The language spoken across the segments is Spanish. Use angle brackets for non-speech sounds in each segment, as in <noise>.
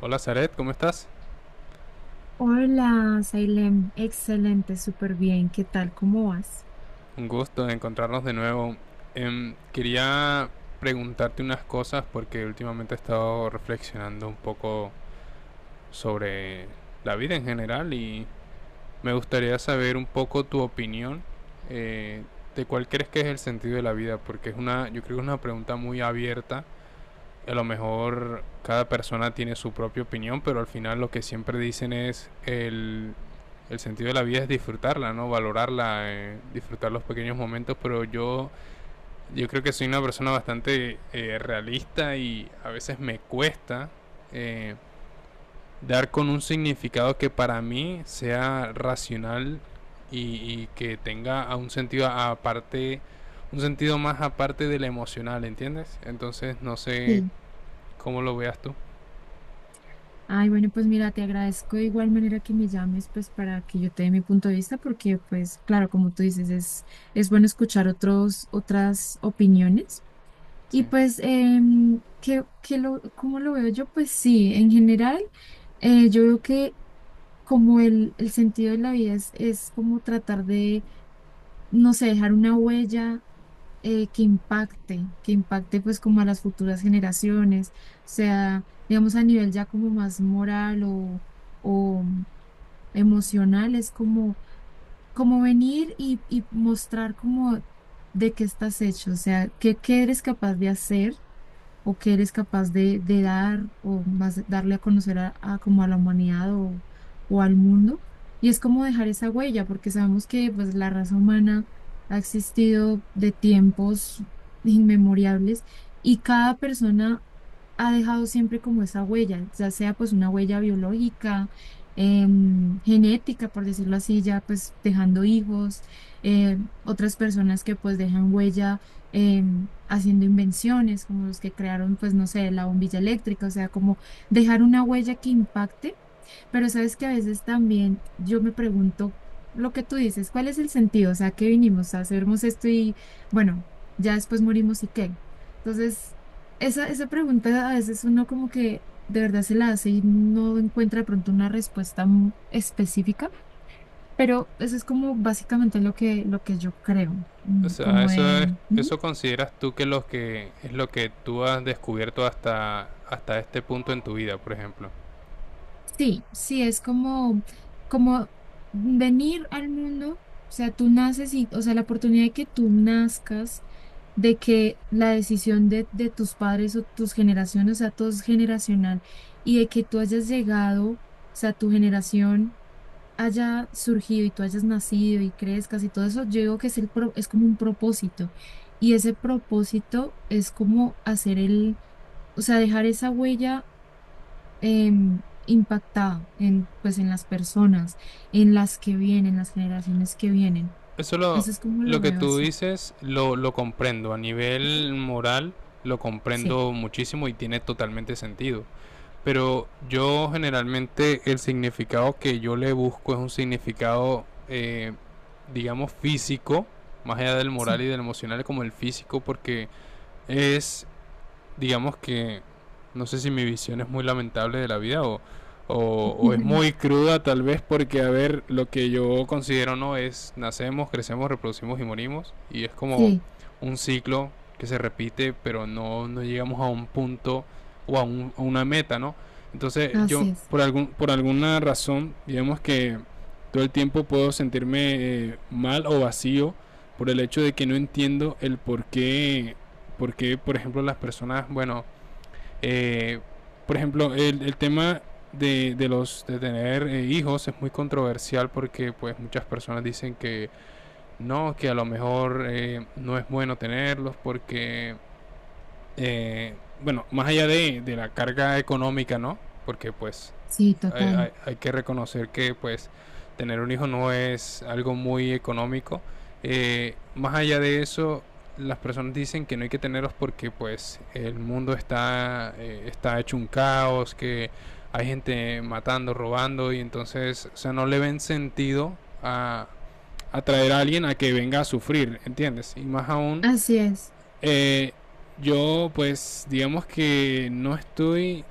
Hola Zaret, ¿cómo estás? Hola, Sailem. Excelente, súper bien. ¿Qué tal? ¿Cómo vas? Un gusto de encontrarnos de nuevo. Quería preguntarte unas cosas porque últimamente he estado reflexionando un poco sobre la vida en general y me gustaría saber un poco tu opinión, eh, de cuál crees que es el sentido de la vida, porque yo creo que es una pregunta muy abierta. A lo mejor cada persona tiene su propia opinión, pero al final lo que siempre dicen es el sentido de la vida es disfrutarla, ¿no? Valorarla, disfrutar los pequeños momentos, pero yo creo que soy una persona bastante realista y a veces me cuesta, eh, dar con un significado que para mí sea racional y, y que tenga a un sentido aparte, un sentido más aparte del emocional, ¿entiendes? Entonces no sé Sí. cómo lo veas tú. Ay, bueno, pues mira, te agradezco de igual manera que me llames, pues para que yo te dé mi punto de vista, porque pues claro, como tú dices, es bueno escuchar otros, otras opiniones. Sí. Y pues, ¿cómo lo veo yo? Pues sí, en general, yo veo que como el sentido de la vida es como tratar de, no sé, dejar una huella que impacte pues como a las futuras generaciones, o sea, digamos a nivel ya como más moral o emocional, es como, como venir y mostrar como de qué estás hecho, o sea, qué, qué eres capaz de hacer o qué eres capaz de dar o más darle a conocer a como a la humanidad o al mundo. Y es como dejar esa huella, porque sabemos que pues la raza humana ha existido de tiempos inmemoriales y cada persona ha dejado siempre como esa huella, ya sea pues una huella biológica, genética, por decirlo así, ya pues dejando hijos, otras personas que pues dejan huella haciendo invenciones, como los que crearon pues no sé, la bombilla eléctrica, o sea, como dejar una huella que impacte, pero sabes que a veces también yo me pregunto lo que tú dices, ¿cuál es el sentido? O sea, ¿qué vinimos a hacermos esto y bueno, ya después morimos y qué? Entonces... esa pregunta a veces uno como que de verdad se la hace y no encuentra de pronto una respuesta específica, pero eso es como básicamente lo que yo creo, O mm, sea, como de, ujú, eso consideras tú que lo que es lo que tú has descubierto hasta hasta este punto en tu vida, por ejemplo. sí, sí, es como, como venir al mundo, o sea, tú naces y, o sea, la oportunidad de que tú nazcas, de que la decisión de tus padres o tus generaciones, o sea, todo es generacional, y de que tú hayas llegado, o sea, tu generación haya surgido y tú hayas nacido y crezcas y todo eso, yo digo que es, es como un propósito. Y ese propósito es como hacer el, o sea, dejar esa huella impactada en, pues, en las personas, en las que vienen, las generaciones que vienen. Eso lo Eso es como lo lo que veo tú así. dices lo lo comprendo a Ujú. nivel moral, lo Sí, comprendo muchísimo y tiene totalmente sentido. Pero yo generalmente el significado que yo le busco es un significado, digamos físico, más allá del moral sí. y del emocional como el físico porque es, digamos que no sé si mi visión es muy lamentable de la vida o es muy <laughs> cruda tal vez porque, a ver, lo que yo considero no es nacemos, crecemos, reproducimos y morimos y es como Sí, un ciclo que se repite pero no llegamos a un punto o a una meta, ¿no? Entonces yo así es. Por alguna razón, digamos que todo el tiempo puedo sentirme, mal o vacío por el hecho de que no entiendo el por qué porque, por ejemplo, las personas, bueno, eh, por ejemplo, el tema de, los de tener, hijos es muy controversial porque pues muchas personas dicen que no, que a lo mejor, no es bueno tenerlos porque, eh, bueno, más allá de la carga económica, ¿no? Porque pues Sí, total. Hay que reconocer que pues tener un hijo no es algo muy económico. Más allá de eso, las personas dicen que no hay que tenerlos porque pues el mundo está, está hecho un caos, que hay gente matando, robando y entonces, o sea, no le ven sentido a atraer a alguien a que venga a sufrir, ¿entiendes? Y más aún, Así es. eh, yo, pues, digamos que no estoy.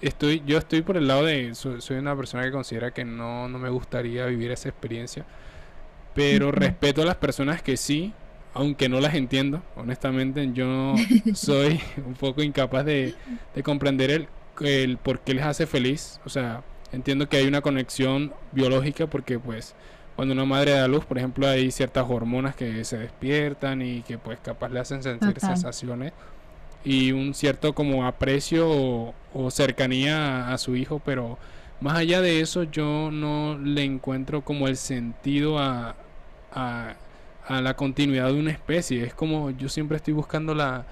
Yo estoy por el lado de. Soy una persona que considera que no, no me gustaría vivir esa experiencia. Pero Ujú. respeto a las personas que sí, aunque no las entiendo. Honestamente, yo <laughs> soy <laughs> un poco incapaz de comprender el por qué les hace feliz. O sea, entiendo que hay una conexión biológica porque, pues, cuando una madre da luz, por ejemplo, hay ciertas hormonas que se despiertan y que, pues, capaz le hacen sentir Total. sensaciones y un cierto como aprecio o cercanía a, su hijo, pero más allá de eso yo no le encuentro como el sentido a, a la continuidad de una especie. Es como yo siempre estoy buscando la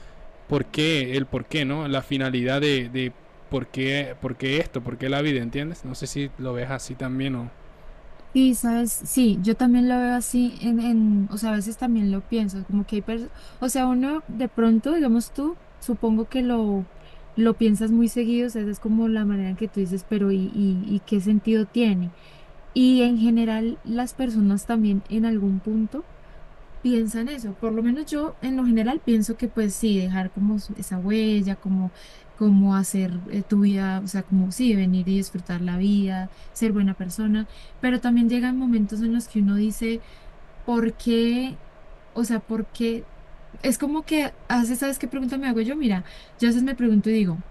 por qué, el por qué, ¿no? La finalidad de por qué esto, por qué la vida, ¿entiendes? No sé si lo ves así también o... Sí, sabes, sí, yo también lo veo así en, o sea, a veces también lo pienso, como que hay personas, o sea, uno de pronto, digamos tú, supongo que lo piensas muy seguido, o sea, esa es como la manera en que tú dices, pero y qué sentido tiene? Y en general, las personas también en algún punto piensa en eso. Por lo menos yo en lo general pienso que pues sí, dejar como esa huella, como, como hacer tu vida, o sea, como sí, venir y disfrutar la vida, ser buena persona, pero también llegan momentos en los que uno dice, ¿por qué? O sea, ¿por qué? Es como que, a veces, ¿sabes qué pregunta me hago yo? Mira, yo a veces me pregunto y digo,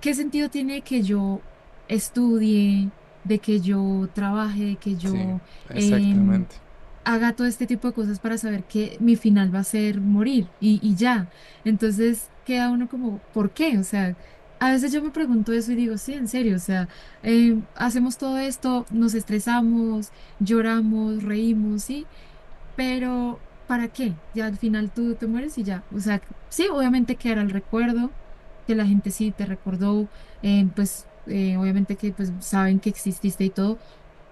¿qué sentido tiene que yo estudie, de que yo trabaje, de que Sí, yo... em, exactamente. haga todo este tipo de cosas para saber que mi final va a ser morir y ya. Entonces queda uno como, ¿por qué? O sea, a veces yo me pregunto eso y digo, sí, en serio, o sea, hacemos todo esto, nos estresamos, lloramos, reímos, sí, pero ¿para qué? Ya al final tú te mueres y ya. O sea, sí, obviamente quedará el recuerdo, que la gente sí te recordó, pues... obviamente que pues saben que exististe y todo,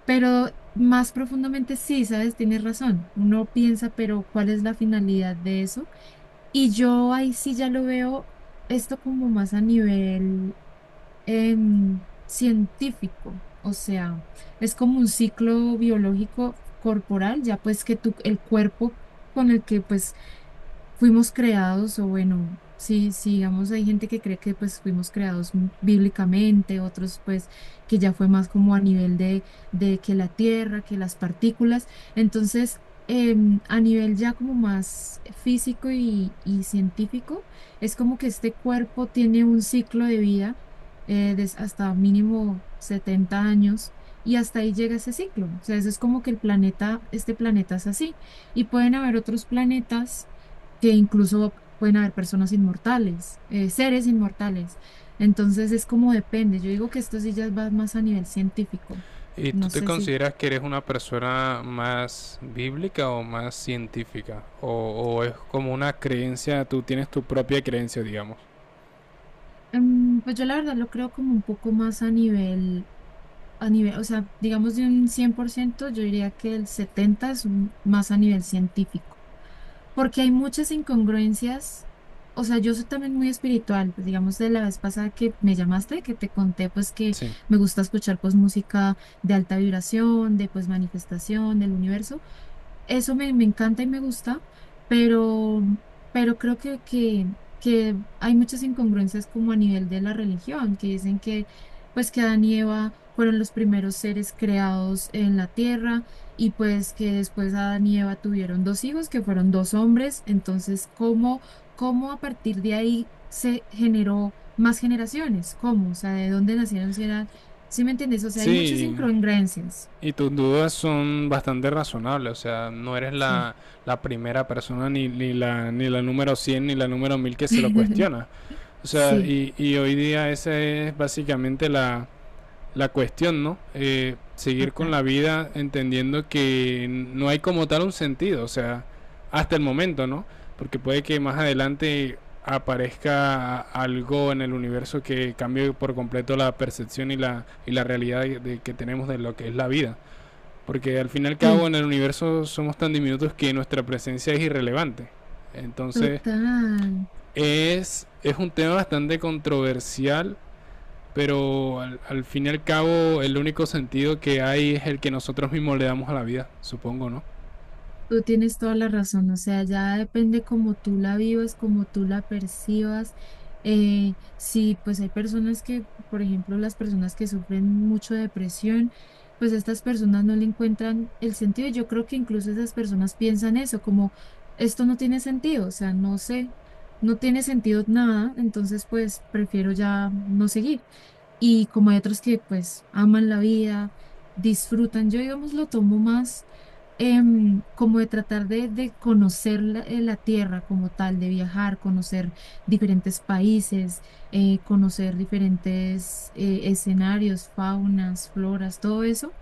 pero más profundamente sí, sabes, tienes razón. Uno piensa, pero ¿cuál es la finalidad de eso? Y yo ahí sí ya lo veo esto como más a nivel científico. O sea, es como un ciclo biológico corporal, ya pues que tu, el cuerpo con el que pues fuimos creados, o bueno, sí, sí, digamos, hay gente que cree que pues fuimos creados bíblicamente, otros pues que ya fue más como a nivel de que la tierra, que las partículas. Entonces, a nivel ya como más físico y científico, es como que este cuerpo tiene un ciclo de vida hasta mínimo 70 años. Y hasta ahí llega ese ciclo. O sea, eso es como que el planeta, este planeta es así. Y pueden haber otros planetas que incluso pueden haber personas inmortales, seres inmortales. Entonces es como depende. Yo digo que esto sí ya va más a nivel científico. ¿Y tú No te sé si, consideras que eres una persona más bíblica o más científica? O es como una creencia, tú tienes tu propia creencia, digamos? Pues yo la verdad lo creo como un poco más a nivel, o sea, digamos de un 100 por ciento, yo diría que el 70 más a nivel científico, porque hay muchas incongruencias. O sea, yo soy también muy espiritual, pues, digamos, de la vez pasada que me llamaste, que te conté, pues que Sí. me gusta escuchar pues música de alta vibración, de pues manifestación, del universo. Eso me, me encanta y me gusta, pero, pero creo que hay muchas incongruencias como a nivel de la religión, que dicen que pues que Adán y Eva fueron los primeros seres creados en la tierra y pues que después Adán y Eva tuvieron dos hijos que fueron dos hombres, entonces ¿cómo, cómo a partir de ahí se generó más generaciones? ¿Cómo? O sea, ¿de dónde nacieron si eran, ¿sí me entiendes? O sea, hay muchas Sí, incongruencias. y tus dudas son bastante razonables, o sea, no eres Sí. La primera persona, ni la número 100 ni la número 1000 que se lo <laughs> cuestiona. O sea, Sí, y hoy día esa es básicamente la cuestión, ¿no? Seguir con total. la vida entendiendo que no hay como tal un sentido, o sea, hasta el momento, ¿no? Porque puede que más adelante aparezca algo en el universo que cambie por completo la percepción y y la realidad de que tenemos de lo que es la vida. Porque al fin y al cabo Sí, en el universo somos tan diminutos que nuestra presencia es irrelevante. Entonces total. Es un tema bastante controversial, pero al, al fin y al cabo, el único sentido que hay es el que nosotros mismos le damos a la vida, supongo, ¿no? Tú tienes toda la razón. O sea, ya depende cómo tú la vivas, cómo tú la percibas. Sí, pues hay personas que, por ejemplo, las personas que sufren mucho de depresión, pues estas personas no le encuentran el sentido. Yo creo que incluso esas personas piensan eso, como esto no tiene sentido. O sea, no sé, no tiene sentido nada. Entonces, pues prefiero ya no seguir. Y como hay otros que pues aman la vida, disfrutan. Yo, digamos, lo tomo más como de tratar de conocer la, la tierra como tal, de viajar, conocer diferentes países, conocer diferentes escenarios, faunas, floras, todo eso.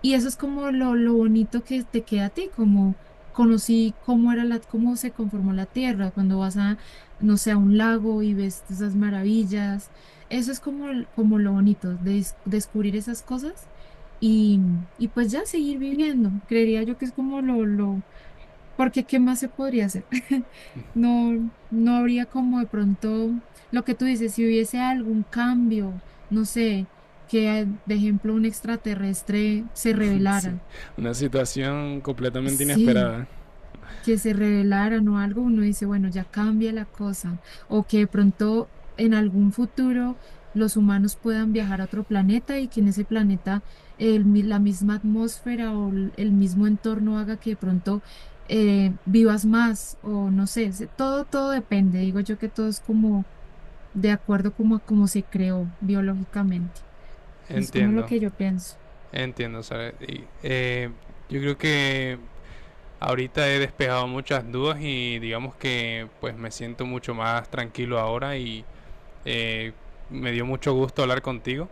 Y eso es como lo bonito que te queda a ti, como conocí cómo era la, cómo se conformó la tierra, cuando vas a, no sé, a un lago y ves esas maravillas. Eso es como, como lo bonito, descubrir esas cosas y, y pues ya seguir viviendo. Creería yo que es como lo, porque ¿qué más se podría hacer? <laughs> No, no habría como de pronto lo que tú dices, si hubiese algún cambio, no sé, que de ejemplo un extraterrestre se <laughs> Sí, revelara. una situación completamente Sí, inesperada. que se revelaran o algo, uno dice, bueno, ya cambia la cosa, o que de pronto en algún futuro los humanos puedan viajar a otro planeta y que en ese planeta la misma atmósfera o el mismo entorno haga que de pronto vivas más o no sé, se- todo, todo depende, digo yo que todo es como de acuerdo como a cómo se creó biológicamente, es como lo Entiendo, que yo pienso. entiendo, ¿sabes? Y, yo creo que ahorita he despejado muchas dudas y digamos que pues me siento mucho más tranquilo ahora y, eh, me dio mucho gusto hablar contigo.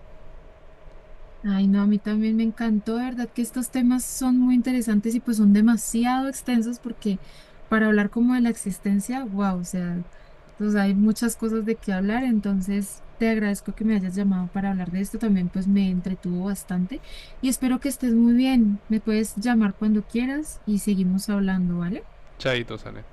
Ay, no, a mí también me encantó, de verdad que estos temas son muy interesantes y pues son demasiado extensos porque para hablar como de la existencia, wow, o sea, pues hay muchas cosas de qué hablar, entonces te agradezco que me hayas llamado para hablar de esto, también pues me entretuvo bastante y espero que estés muy bien, me puedes llamar cuando quieras y seguimos hablando, ¿vale? Chaito, sale.